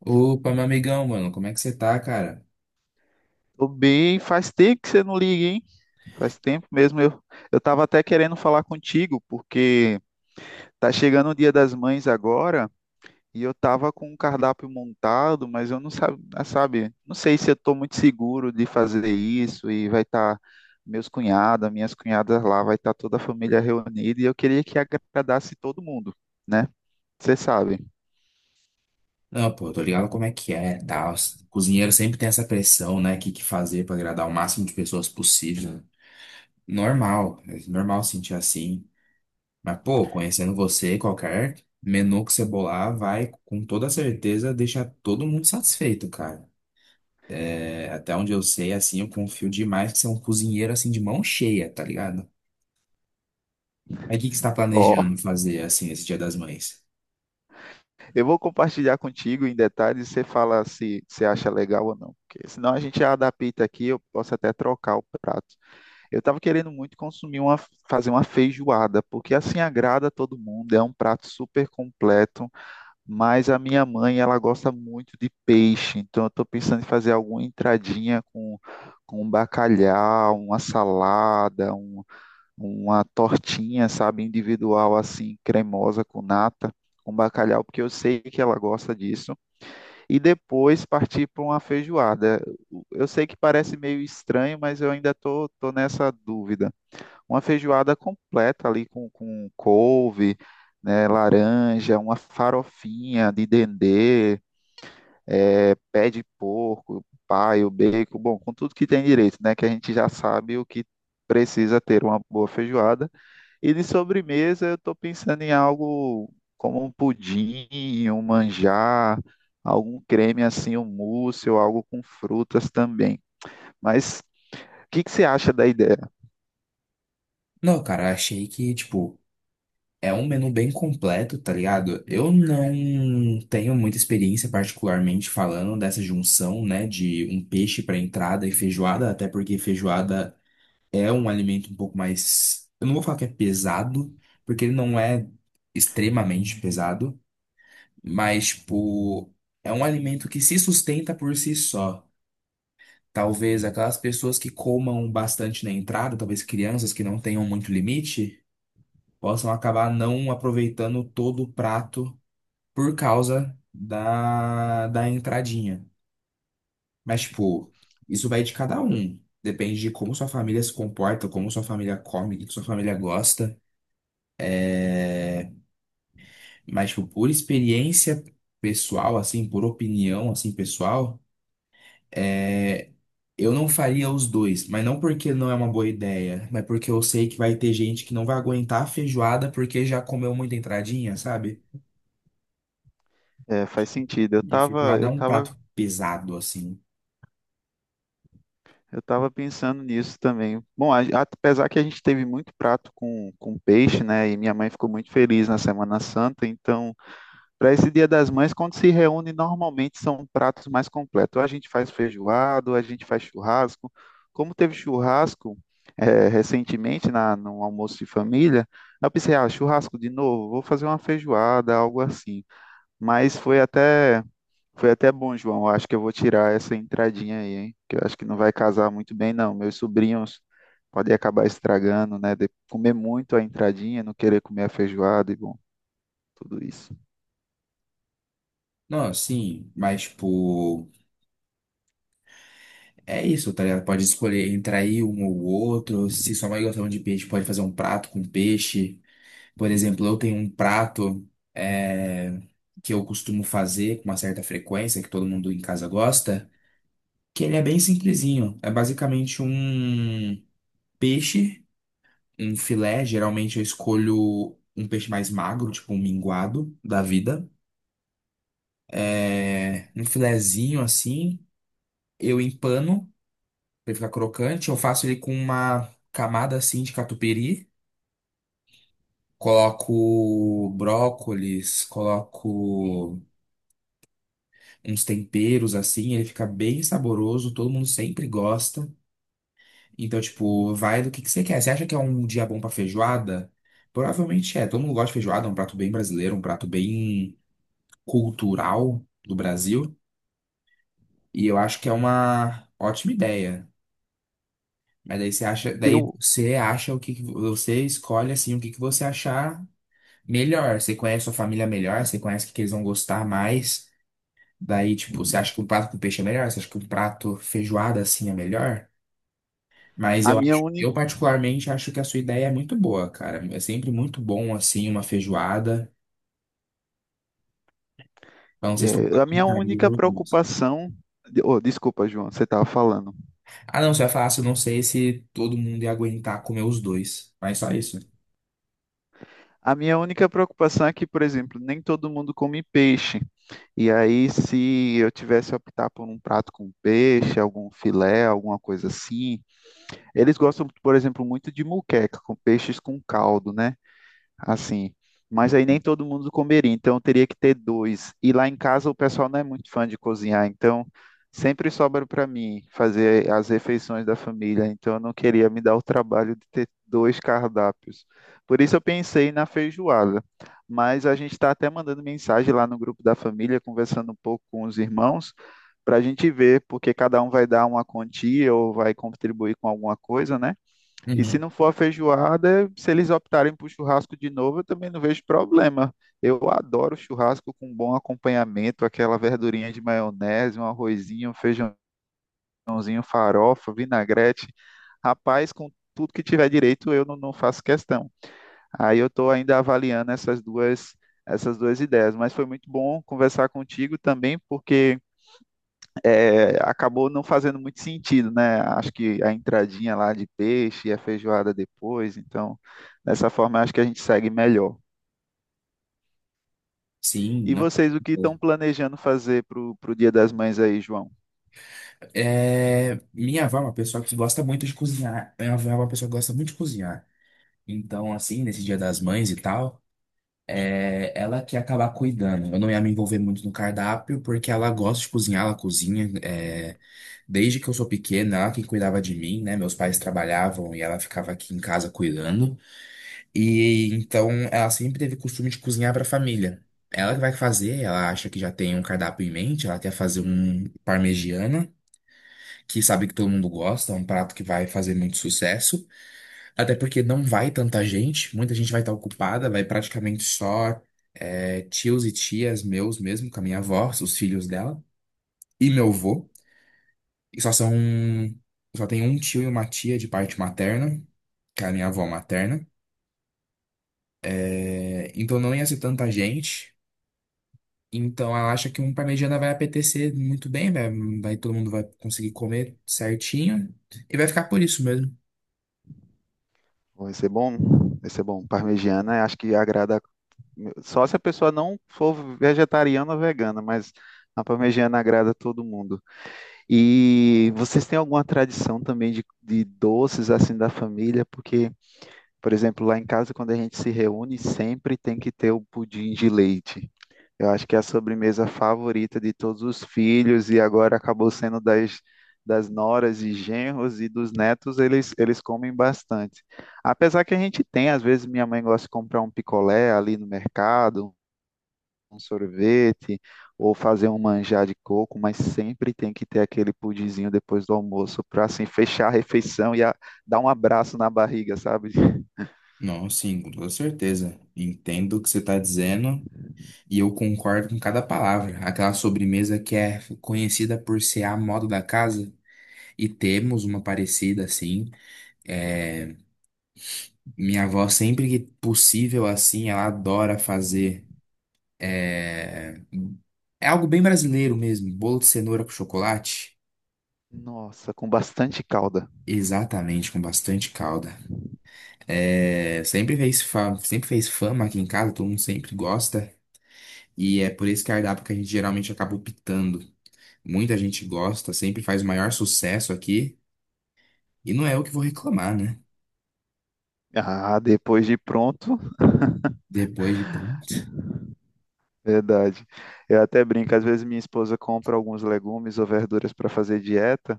Opa, meu amigão, mano, como é que você tá, cara? Tô bem, faz tempo que você não liga, hein? Faz tempo mesmo. Eu tava até querendo falar contigo, porque tá chegando o Dia das Mães agora e eu tava com um cardápio montado, mas eu não sabe, sabe, não sei se eu tô muito seguro de fazer isso e vai estar meus cunhados, minhas cunhadas lá, vai estar toda a família reunida e eu queria que agradasse todo mundo, né? Você sabe. Não, pô, eu tô ligado como é que é, tal. Cozinheiro sempre tem essa pressão, né? O que que fazer pra agradar o máximo de pessoas possível. Né? Normal, é normal sentir assim. Mas, pô, conhecendo você, qualquer menu que você bolar vai, com toda certeza, deixar todo mundo satisfeito, cara. É, até onde eu sei, assim, eu confio demais que você é um cozinheiro, assim, de mão cheia, tá ligado? Mas o que que você tá Ó. planejando fazer, assim, esse Dia das Mães? Eu vou compartilhar contigo em detalhes e você fala se você acha legal ou não. Porque senão a gente adapta aqui, eu posso até trocar o prato. Eu estava querendo muito fazer uma feijoada, porque assim agrada todo mundo, é um prato super completo, mas a minha mãe, ela gosta muito de peixe, então eu estou pensando em fazer alguma com um bacalhau, uma salada, uma tortinha, sabe, individual assim, cremosa com nata, com bacalhau, porque eu sei que ela gosta disso, e depois partir para uma feijoada. Eu sei que parece meio estranho, mas eu ainda tô nessa dúvida. Uma feijoada completa ali com couve, né, laranja, uma farofinha de dendê, pé de porco, paio, bacon, bom, com tudo que tem direito, né, que a gente já sabe o que precisa ter uma boa feijoada e de sobremesa, eu estou pensando em algo como um pudim, um manjar, algum creme assim, um mousse ou algo com frutas também. Mas o que que você acha da ideia? Não, cara, achei que, tipo. É um menu bem completo, tá ligado? Eu não tenho muita experiência, particularmente falando dessa junção, né, de um peixe para entrada e feijoada, até porque feijoada é um alimento um pouco mais. Eu não vou falar que é pesado, porque ele não é extremamente pesado, mas, tipo, é um alimento que se sustenta por si só. Talvez aquelas pessoas que comam bastante na entrada, talvez crianças que não tenham muito limite possam acabar não aproveitando todo o prato por causa da entradinha. Mas, tipo, isso vai de cada um. Depende de como sua família se comporta, como sua família come, o que que sua família gosta. É, mas, tipo, por experiência pessoal, assim, por opinião, assim, pessoal, é, eu não faria os dois. Mas não porque não é uma boa ideia, mas porque eu sei que vai ter gente que não vai aguentar a feijoada porque já comeu muita entradinha, sabe? É, faz sentido. Eu E estava, feijoada é eu um tava, prato pesado, assim. eu tava pensando nisso também. Bom, apesar que a gente teve muito prato com peixe, né? E minha mãe ficou muito feliz na Semana Santa, então para esse Dia das Mães, quando se reúne, normalmente são pratos mais completos. Ou a gente faz feijoado, ou a gente faz churrasco. Como teve churrasco recentemente no almoço de família, eu pensei, ah, churrasco de novo, vou fazer uma feijoada, algo assim. Mas foi até bom, João. Eu acho que eu vou tirar essa entradinha aí, hein? Que eu acho que não vai casar muito bem, não. Meus sobrinhos podem acabar estragando, né? De comer muito a entradinha, não querer comer a feijoada e bom, tudo isso. Não, sim, mas, tipo. É isso, tá ligado? Pode escolher entre aí um ou outro. Se sua mãe gostava de peixe, pode fazer um prato com peixe. Por exemplo, eu tenho um prato é, que eu costumo fazer com uma certa frequência, que todo mundo em casa gosta, que ele é bem simplesinho. É basicamente um peixe, um filé. Geralmente eu escolho um peixe mais magro, tipo um minguado da vida. É, um filezinho assim, eu empano. Pra ele ficar crocante. Eu faço ele com uma camada assim de catupiry. Coloco brócolis, coloco uns temperos assim, ele fica bem saboroso, todo mundo sempre gosta. Então, tipo, vai do que você quer. Você acha que é um dia bom pra feijoada? Provavelmente é. Todo mundo gosta de feijoada, é um prato bem brasileiro, um prato bem cultural do Brasil. E eu acho que é uma ótima ideia. Mas daí Eu, você acha o que que- você escolhe assim o que que você achar melhor, você conhece sua família melhor, você conhece o que que eles vão gostar mais. Daí, tipo, você acha que um prato com peixe é melhor? Você acha que um prato feijoada assim é melhor? Mas a eu minha acho, eu única particularmente acho que a sua ideia é muito boa, cara. É sempre muito bom assim uma feijoada. Eu não sei se estou É, a minha aguentaria única os dois. preocupação. Oh, desculpa, João, você estava falando. Ah, não, você vai falar, se eu não sei se todo mundo ia aguentar comer os dois. Mas só isso. A minha única preocupação é que, por exemplo, nem todo mundo come peixe. E aí, se eu tivesse a optar por um prato com peixe, algum filé, alguma coisa assim, eles gostam, por exemplo, muito de moqueca, com peixes com caldo, né? Assim. Mas aí nem todo mundo comeria, então eu teria que ter dois. E lá em casa o pessoal não é muito fã de cozinhar, então sempre sobra para mim fazer as refeições da família, então eu não queria me dar o trabalho de ter dois cardápios. Por isso eu pensei na feijoada. Mas a gente está até mandando mensagem lá no grupo da família, conversando um pouco com os irmãos, para a gente ver, porque cada um vai dar uma quantia ou vai contribuir com alguma coisa, né? E se Uhum. não for a feijoada, se eles optarem por churrasco de novo, eu também não vejo problema. Eu adoro churrasco com bom acompanhamento, aquela verdurinha de maionese, um arrozinho, um feijãozinho, farofa, vinagrete. Rapaz, com tudo que tiver direito, eu não faço questão. Aí eu estou ainda avaliando essas duas ideias. Mas foi muito bom conversar contigo também, porque acabou não fazendo muito sentido, né? Acho que a entradinha lá de peixe e a feijoada depois, então, dessa forma, acho que a gente segue melhor. Sim, E não. vocês, o que estão planejando fazer para o Dia das Mães aí, João? É, minha avó é uma pessoa que gosta muito de cozinhar. Minha avó é uma pessoa que gosta muito de cozinhar. Então, assim, nesse Dia das Mães e tal, ela que ia acabar cuidando. Eu não ia me envolver muito no cardápio, porque ela gosta de cozinhar, ela cozinha. Desde que eu sou pequena, ela que cuidava de mim, né? Meus pais trabalhavam e ela ficava aqui em casa cuidando. E então, ela sempre teve costume de cozinhar para a família. Ela que vai fazer, ela acha que já tem um cardápio em mente, ela quer fazer um parmegiana, que sabe que todo mundo gosta, é um prato que vai fazer muito sucesso. Até porque não vai tanta gente, muita gente vai estar ocupada, vai praticamente só tios e tias meus mesmo, com a minha avó, os filhos dela, e meu avô. E só são. Só tem um tio e uma tia de parte materna, que é a minha avó materna. É, então não ia ser tanta gente. Então ela acha que um pra mediana vai apetecer muito bem, vai, vai- todo mundo vai conseguir comer certinho e vai ficar por isso mesmo. Vai ser bom? Vai ser bom. Parmegiana, acho que agrada. Só se a pessoa não for vegetariana ou vegana, mas a parmegiana agrada a todo mundo. E vocês têm alguma tradição também de doces assim da família? Porque por exemplo, lá em casa, quando a gente se reúne, sempre tem que ter o pudim de leite. Eu acho que é a sobremesa favorita de todos os filhos e agora acabou sendo das noras e genros e dos netos, eles comem bastante. Apesar que a gente tem, às vezes minha mãe gosta de comprar um picolé ali no mercado, um sorvete, ou fazer um manjar de coco, mas sempre tem que ter aquele pudinzinho depois do almoço para assim fechar a refeição e dar um abraço na barriga, sabe? Não, sim, com toda certeza. Entendo o que você está dizendo. E eu concordo com cada palavra. Aquela sobremesa que é conhecida por ser a moda da casa. E temos uma parecida assim. É, minha avó, sempre que possível assim, ela adora fazer. É, é algo bem brasileiro mesmo. Bolo de cenoura com chocolate. Nossa, com bastante calda. Exatamente, com bastante calda. É, sempre fez fama aqui em casa, todo mundo sempre gosta. E é por esse cardápio que a gente geralmente acaba optando. Muita gente gosta, sempre faz o maior sucesso aqui. E não é eu que vou reclamar, né? Ah, depois de pronto, Depois de pronto. verdade. Eu até brinco, às vezes minha esposa compra alguns legumes ou verduras para fazer dieta,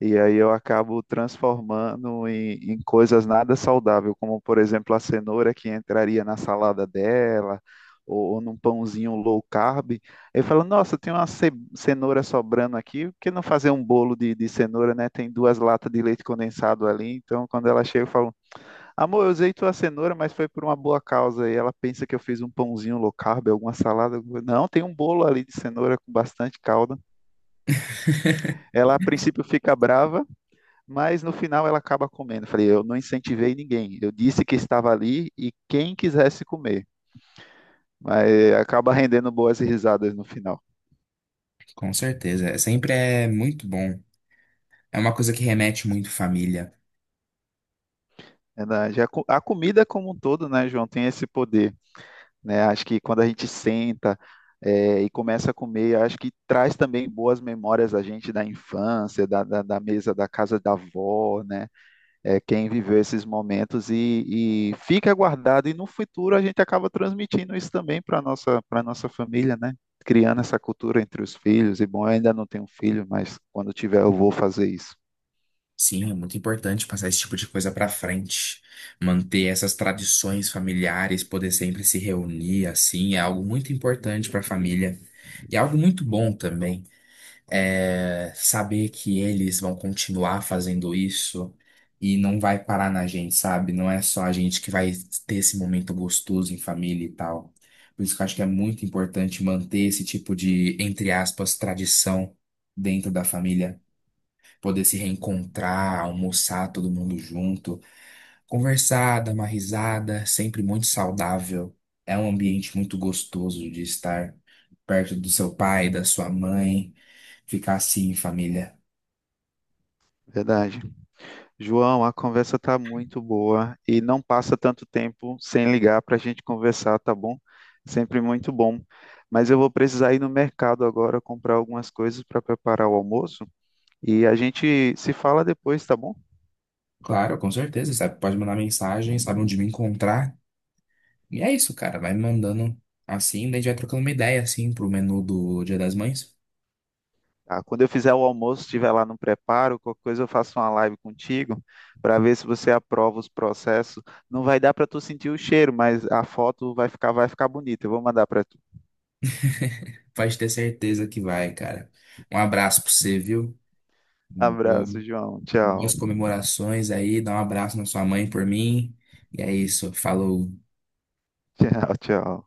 e aí eu acabo transformando em coisas nada saudável, como por exemplo a cenoura que entraria na salada dela, ou num pãozinho low carb. Eu falo, nossa, tem uma cenoura sobrando aqui, por que não fazer um bolo de cenoura, né? Tem duas latas de leite condensado ali, então quando ela chega, eu falo, amor, eu usei tua cenoura, mas foi por uma boa causa. E ela pensa que eu fiz um pãozinho low carb, alguma salada. Não, tem um bolo ali de cenoura com bastante calda. Ela, a princípio, fica brava, mas no final ela acaba comendo. Falei, eu não incentivei ninguém. Eu disse que estava ali e quem quisesse comer. Mas acaba rendendo boas risadas no final. Com certeza. É- Sempre é muito bom. É uma coisa que remete muito família. A comida como um todo, né, João, tem esse poder. Né? Acho que quando a gente senta, e começa a comer, acho que traz também boas memórias a gente da infância, da mesa da casa da avó, né? É, quem viveu esses momentos e fica guardado, e no futuro a gente acaba transmitindo isso também para nossa família, né? Criando essa cultura entre os filhos, e bom, eu ainda não tenho filho, mas quando tiver eu vou fazer isso. Sim, é muito importante passar esse tipo de coisa pra frente. Manter essas tradições familiares, poder sempre se reunir assim, é algo muito importante pra família. E é algo muito bom também. É, saber que eles vão continuar fazendo isso e não vai parar na gente, sabe? Não é só a gente que vai ter esse momento gostoso em família e tal. Por isso que eu acho que é muito importante manter esse tipo de, entre aspas, tradição dentro da família, poder se reencontrar, almoçar todo mundo junto. Conversar, dar uma risada, sempre muito saudável. É um ambiente muito gostoso de estar perto do seu pai, da sua mãe, ficar assim em família. Verdade. João, a conversa tá muito boa e não passa tanto tempo sem ligar para a gente conversar, tá bom? Sempre muito bom. Mas eu vou precisar ir no mercado agora comprar algumas coisas para preparar o almoço e a gente se fala depois, tá bom? Claro, com certeza, sabe? Pode mandar mensagem, sabe onde me encontrar. E é isso, cara, vai me mandando assim, daí a gente vai trocando uma ideia assim pro menu do Dia das Mães. Tá, quando eu fizer o almoço, estiver lá no preparo, qualquer coisa eu faço uma live contigo para ver se você aprova os processos. Não vai dar para tu sentir o cheiro, mas a foto vai vai ficar bonita. Eu vou mandar para tu. Pode ter certeza que vai, cara. Um abraço pra você, viu? Abraço, Bom- João. Tchau. boas comemorações aí, dá um abraço na sua mãe por mim. E é isso, falou. Tchau, tchau.